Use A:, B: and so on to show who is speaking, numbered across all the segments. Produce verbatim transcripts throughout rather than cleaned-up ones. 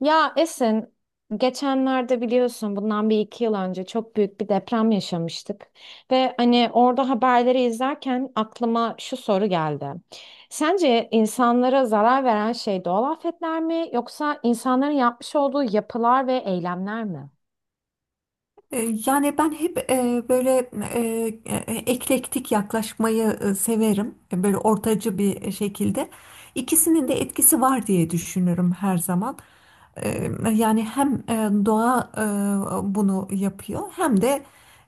A: Ya Esin, geçenlerde biliyorsun bundan bir iki yıl önce çok büyük bir deprem yaşamıştık. Ve hani orada haberleri izlerken aklıma şu soru geldi. Sence insanlara zarar veren şey doğal afetler mi yoksa insanların yapmış olduğu yapılar ve eylemler mi?
B: E, Yani ben hep e, böyle e, e, eklektik yaklaşmayı e, severim. E, Böyle ortacı bir e, şekilde. İkisinin de etkisi var diye düşünürüm her zaman. E, Yani hem e, doğa e, bunu yapıyor hem de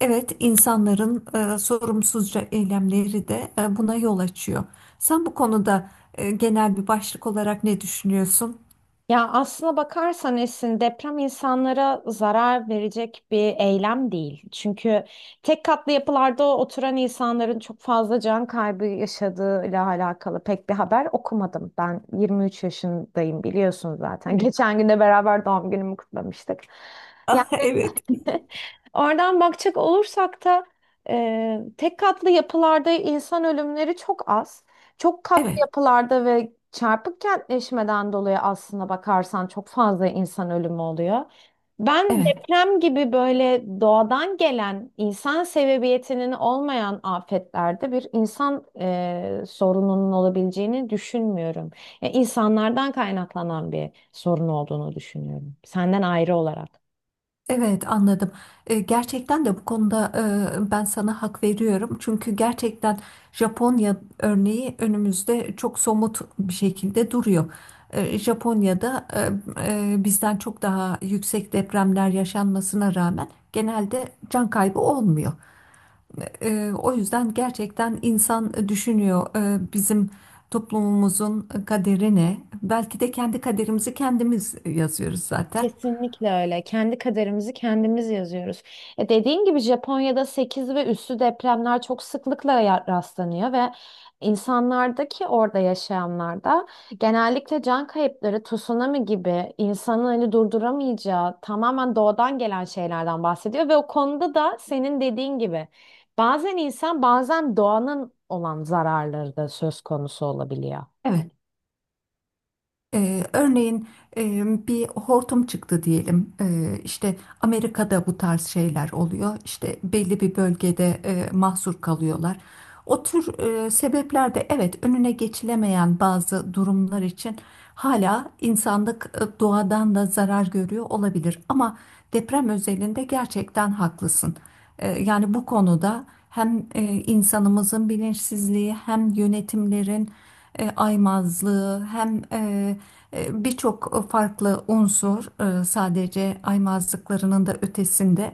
B: evet insanların e, sorumsuzca eylemleri de e, buna yol açıyor. Sen bu konuda e, genel bir başlık olarak ne düşünüyorsun?
A: Ya aslına bakarsan Esin deprem insanlara zarar verecek bir eylem değil. Çünkü tek katlı yapılarda oturan insanların çok fazla can kaybı yaşadığıyla alakalı pek bir haber okumadım. Ben yirmi üç yaşındayım biliyorsun zaten.
B: Evet.
A: Geçen gün de beraber doğum günümü kutlamıştık. Yani
B: Evet,
A: oradan bakacak olursak da e, tek katlı yapılarda insan ölümleri çok az. Çok katlı
B: evet,
A: yapılarda ve çarpık kentleşmeden dolayı aslında bakarsan çok fazla insan ölümü oluyor. Ben
B: evet.
A: deprem gibi böyle doğadan gelen insan sebebiyetinin olmayan afetlerde bir insan e, sorununun olabileceğini düşünmüyorum. Yani insanlardan kaynaklanan bir sorun olduğunu düşünüyorum. Senden ayrı olarak.
B: Evet, anladım. E, gerçekten de bu konuda e, ben sana hak veriyorum. Çünkü gerçekten Japonya örneği önümüzde çok somut bir şekilde duruyor. E, Japonya'da e, e, bizden çok daha yüksek depremler yaşanmasına rağmen genelde can kaybı olmuyor. E, o yüzden gerçekten insan düşünüyor, e, bizim toplumumuzun kaderi ne? Belki de kendi kaderimizi kendimiz yazıyoruz zaten.
A: Kesinlikle öyle. Kendi kaderimizi kendimiz yazıyoruz. E dediğin gibi Japonya'da sekiz ve üstü depremler çok sıklıkla ya- rastlanıyor ve insanlardaki orada yaşayanlarda genellikle can kayıpları, tsunami gibi insanın hani durduramayacağı tamamen doğadan gelen şeylerden bahsediyor ve o konuda da senin dediğin gibi bazen insan, bazen doğanın olan zararları da söz konusu olabiliyor.
B: Evet. Ee, örneğin e, bir hortum çıktı diyelim. Ee, işte Amerika'da bu tarz şeyler oluyor. İşte belli bir bölgede e, mahsur kalıyorlar. O tür e, sebepler de, evet, önüne geçilemeyen bazı durumlar için hala insanlık e, doğadan da zarar görüyor olabilir. Ama deprem özelinde gerçekten haklısın. Ee, yani bu konuda hem e, insanımızın bilinçsizliği, hem yönetimlerin e, aymazlığı, hem e, e, birçok farklı unsur, e, sadece aymazlıklarının da ötesinde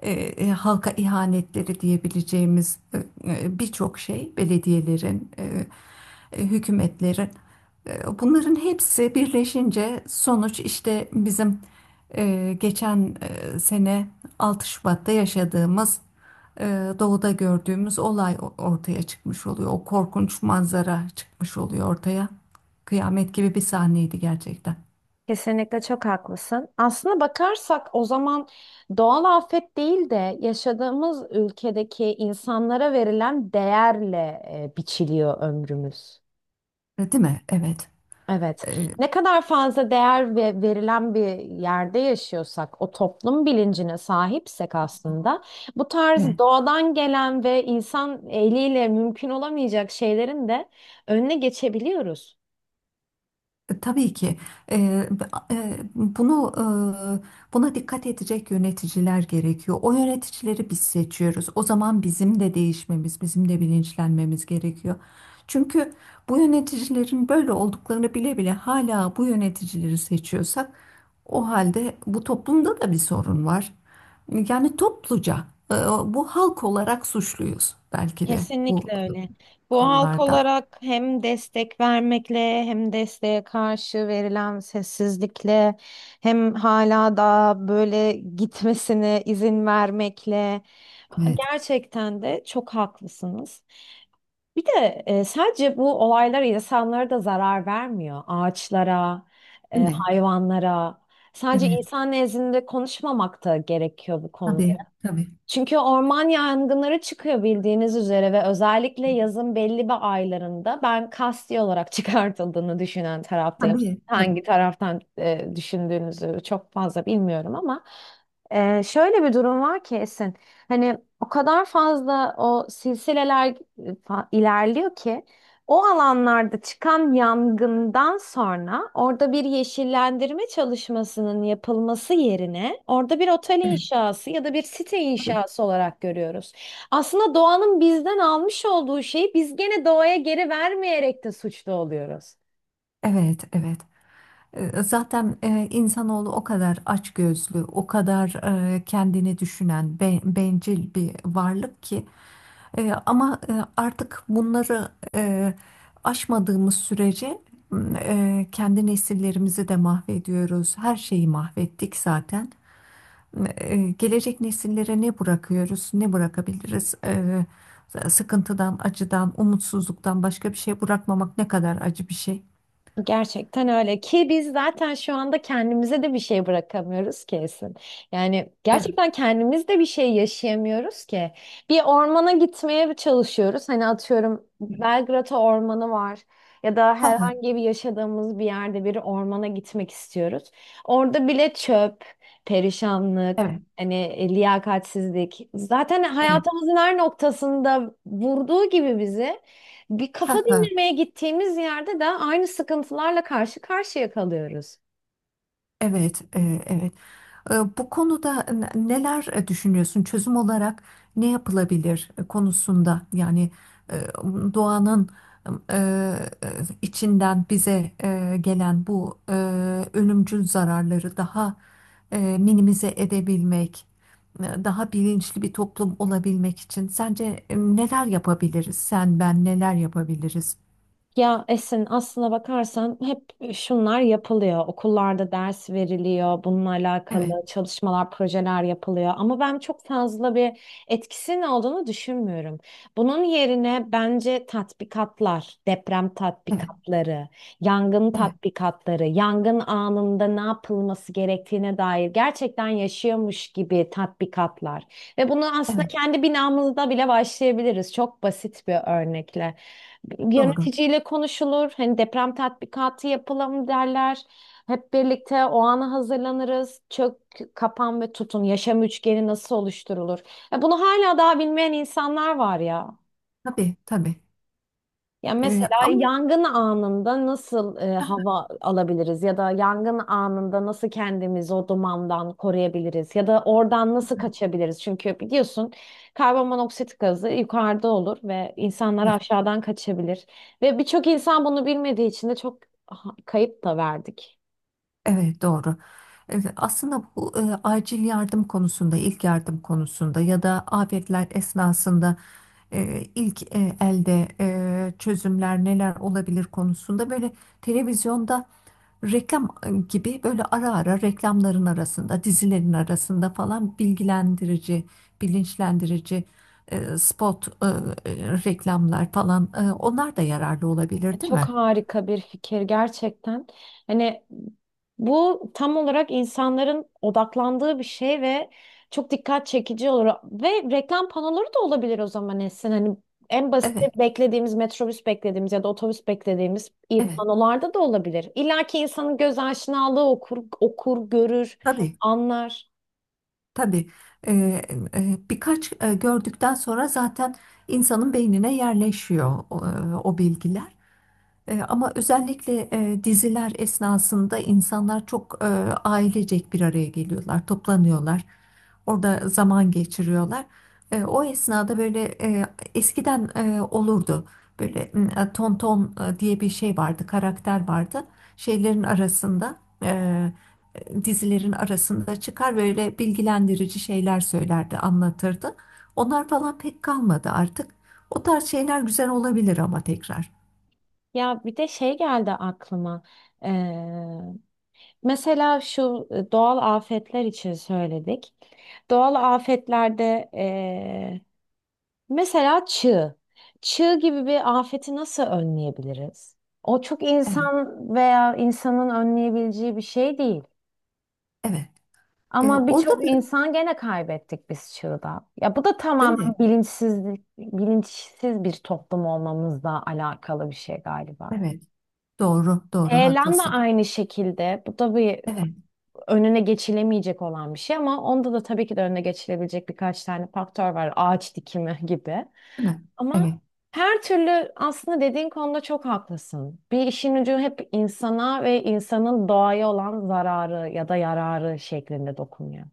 B: e, e, halka ihanetleri diyebileceğimiz e, e, birçok şey belediyelerin, e, e, hükümetlerin, e, bunların hepsi birleşince sonuç işte bizim e, geçen e, sene altı Şubatta yaşadığımız, e, doğuda gördüğümüz olay ortaya çıkmış oluyor. O korkunç manzara çıkmış oluyor ortaya. Kıyamet gibi bir sahneydi gerçekten.
A: Kesinlikle çok haklısın. Aslına bakarsak o zaman doğal afet değil de yaşadığımız ülkedeki insanlara verilen değerle e, biçiliyor ömrümüz.
B: E, Değil mi? Evet.
A: Evet.
B: E,
A: Ne kadar fazla değer ve verilen bir yerde yaşıyorsak, o toplum bilincine sahipsek aslında, bu tarz
B: Evet.
A: doğadan gelen ve insan eliyle mümkün olamayacak şeylerin de önüne geçebiliyoruz.
B: E, Tabii ki e, b- e, bunu, e, buna dikkat edecek yöneticiler gerekiyor. O yöneticileri biz seçiyoruz. O zaman bizim de değişmemiz, bizim de bilinçlenmemiz gerekiyor. Çünkü bu yöneticilerin böyle olduklarını bile bile hala bu yöneticileri seçiyorsak, o halde bu toplumda da bir sorun var. Yani topluca e, bu halk olarak suçluyuz belki de bu
A: Kesinlikle öyle. Bu halk
B: durumlarda.
A: olarak hem destek vermekle hem desteğe karşı verilen sessizlikle hem hala da böyle gitmesine izin vermekle
B: Evet,
A: gerçekten de çok haklısınız. Bir de e, sadece bu olaylar insanlara da zarar vermiyor. Ağaçlara,
B: değil
A: e,
B: mi?
A: hayvanlara. Sadece
B: Evet,
A: insan nezdinde konuşmamak da gerekiyor bu konuda.
B: tabii, tabii.
A: Çünkü orman yangınları çıkıyor bildiğiniz üzere ve özellikle yazın belli bir aylarında ben kasti olarak çıkartıldığını düşünen taraftayım.
B: Tabii, tabii.
A: Hangi taraftan e, düşündüğünüzü çok fazla bilmiyorum ama e, şöyle bir durum var ki Esin. Hani o kadar fazla o silsileler e, fa- ilerliyor ki o alanlarda çıkan yangından sonra orada bir yeşillendirme çalışmasının yapılması yerine orada bir otel
B: Evet,
A: inşası ya da bir site
B: tabii.
A: inşası olarak görüyoruz. Aslında doğanın bizden almış olduğu şeyi biz gene doğaya geri vermeyerek de suçlu oluyoruz.
B: Evet, evet. E, Zaten e, insanoğlu o kadar açgözlü, o kadar e, kendini düşünen, be- bencil bir varlık ki. E, ama e, artık bunları e, aşmadığımız sürece m, e, kendi nesillerimizi de mahvediyoruz. Her şeyi mahvettik zaten. e, gelecek nesillere ne bırakıyoruz, ne bırakabiliriz? E, sıkıntıdan, acıdan, umutsuzluktan başka bir şey bırakmamak ne kadar acı bir şey.
A: Gerçekten öyle ki biz zaten şu anda kendimize de bir şey bırakamıyoruz kesin. Yani
B: Evet.
A: gerçekten kendimiz de bir şey yaşayamıyoruz ki. Bir ormana gitmeye çalışıyoruz. Hani atıyorum Belgrata Ormanı var ya da
B: Ha ha.
A: herhangi bir yaşadığımız bir yerde bir ormana gitmek istiyoruz. Orada bile çöp, perişanlık,
B: Evet.
A: hani e, liyakatsizlik zaten
B: Evet.
A: hayatımızın her noktasında vurduğu gibi bizi bir
B: Ha
A: kafa
B: ha.
A: dinlemeye gittiğimiz yerde de aynı sıkıntılarla karşı karşıya kalıyoruz.
B: Evet, e, evet. E, Bu konuda n- neler e, düşünüyorsun? Çözüm olarak ne yapılabilir e, konusunda? Yani e, doğanın e, e, içinden bize e, gelen bu e, ölümcül zararları daha e, minimize edebilmek, e, daha bilinçli bir toplum olabilmek için sence e, neler yapabiliriz? Sen, ben neler yapabiliriz?
A: Ya Esin aslına bakarsan hep şunlar yapılıyor. Okullarda ders veriliyor, bununla alakalı
B: Evet,
A: çalışmalar, projeler yapılıyor. Ama ben çok fazla bir etkisinin olduğunu düşünmüyorum. Bunun yerine bence tatbikatlar, deprem
B: evet,
A: tatbikatları, yangın
B: evet,
A: tatbikatları, yangın anında ne yapılması gerektiğine dair gerçekten yaşıyormuş gibi tatbikatlar. Ve bunu aslında
B: evet.
A: kendi binamızda bile başlayabiliriz. Çok basit bir örnekle.
B: Doğru.
A: Yöneticiyle konuşulur. Hani deprem tatbikatı yapalım derler. Hep birlikte o ana hazırlanırız. Çök, kapan ve tutun. Yaşam üçgeni nasıl oluşturulur? Ya bunu hala daha bilmeyen insanlar var ya.
B: Tabii, tabii.
A: Ya
B: E,
A: mesela
B: ama
A: yangın anında nasıl e, hava alabiliriz ya da yangın anında nasıl kendimizi o dumandan koruyabiliriz ya da oradan nasıl kaçabiliriz? Çünkü biliyorsun karbonmonoksit gazı yukarıda olur ve insanlar aşağıdan kaçabilir ve birçok insan bunu bilmediği için de çok ha- kayıp da verdik.
B: Evet, doğru. Evet, aslında bu e, acil yardım konusunda, ilk yardım konusunda ya da afetler esnasında e, ilk e, elde e, çözümler neler olabilir konusunda, böyle televizyonda reklam gibi, böyle ara ara reklamların arasında, dizilerin arasında falan bilgilendirici, bilinçlendirici e, spot e, e, reklamlar falan, e, onlar da yararlı
A: E,
B: olabilir, değil
A: Çok
B: mi?
A: harika bir fikir gerçekten. Hani bu tam olarak insanların odaklandığı bir şey ve çok dikkat çekici olur. Ve reklam panoları da olabilir o zaman Esin. Hani en basit
B: Evet,
A: beklediğimiz metrobüs beklediğimiz ya da otobüs beklediğimiz iyi
B: evet.
A: panolarda da olabilir. İlla ki insanın göz aşinalığı okur, okur, görür,
B: Tabii.
A: anlar.
B: Tabii, e, e, birkaç e, gördükten sonra zaten insanın beynine yerleşiyor o, e, o bilgiler. E, Ama özellikle e, diziler esnasında insanlar çok e, ailecek bir araya geliyorlar, toplanıyorlar. Orada zaman geçiriyorlar. E, o esnada böyle e, eskiden e, olurdu. Böyle m, e, tonton e, diye bir şey vardı, karakter vardı. Şeylerin arasında, e, dizilerin arasında çıkar böyle bilgilendirici şeyler söylerdi, anlatırdı. Onlar falan pek kalmadı artık. O tarz şeyler güzel olabilir ama tekrar.
A: Ya bir de şey geldi aklıma. Mesela şu e, doğal afetler için söyledik. Doğal afetlerde e, mesela çığ. Çığ gibi bir afeti nasıl önleyebiliriz? O çok
B: Evet,
A: insan veya insanın önleyebileceği bir şey değil.
B: evet. E,
A: Ama
B: orada da,
A: birçok insan gene kaybettik biz çığda. Ya bu da
B: değil
A: tamamen
B: mi?
A: bilinçsizlik, bilinçsiz bir toplum olmamızla alakalı bir şey galiba.
B: Evet. Doğru, doğru,
A: Eylem de
B: haklısın.
A: aynı şekilde. Bu da bir
B: Evet,
A: önüne geçilemeyecek olan bir şey ama onda da tabii ki de önüne geçilebilecek birkaç tane faktör var. Ağaç dikimi gibi.
B: değil mi?
A: Ama
B: Evet,
A: her türlü aslında dediğin konuda çok haklısın. Bir işin ucu hep insana ve insanın doğaya olan zararı ya da yararı şeklinde dokunuyor.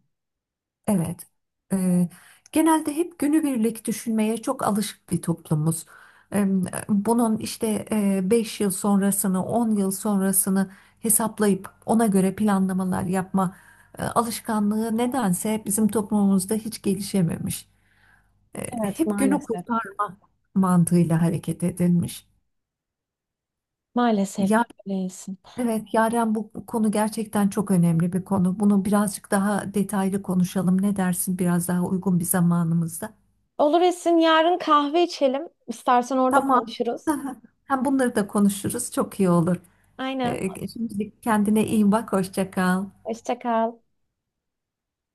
B: evet. E, genelde hep günübirlik düşünmeye çok alışık bir toplumuz. E, bunun işte e, beş yıl sonrasını, on yıl sonrasını hesaplayıp ona göre planlamalar yapma e, alışkanlığı nedense bizim toplumumuzda hiç gelişememiş. E,
A: Evet
B: hep günü
A: maalesef.
B: kurtarma mantığıyla hareket edilmiş.
A: Maalesef ki
B: Yani,
A: öylesin.
B: evet, Yaren, bu konu gerçekten çok önemli bir konu. Bunu birazcık daha detaylı konuşalım. Ne dersin biraz daha uygun bir zamanımızda?
A: Olur Esin yarın kahve içelim. İstersen orada
B: Tamam.
A: konuşuruz.
B: Hem bunları da konuşuruz. Çok iyi olur.
A: Aynen.
B: Ee, şimdilik kendine iyi bak. Hoşça kal.
A: Hoşça kal.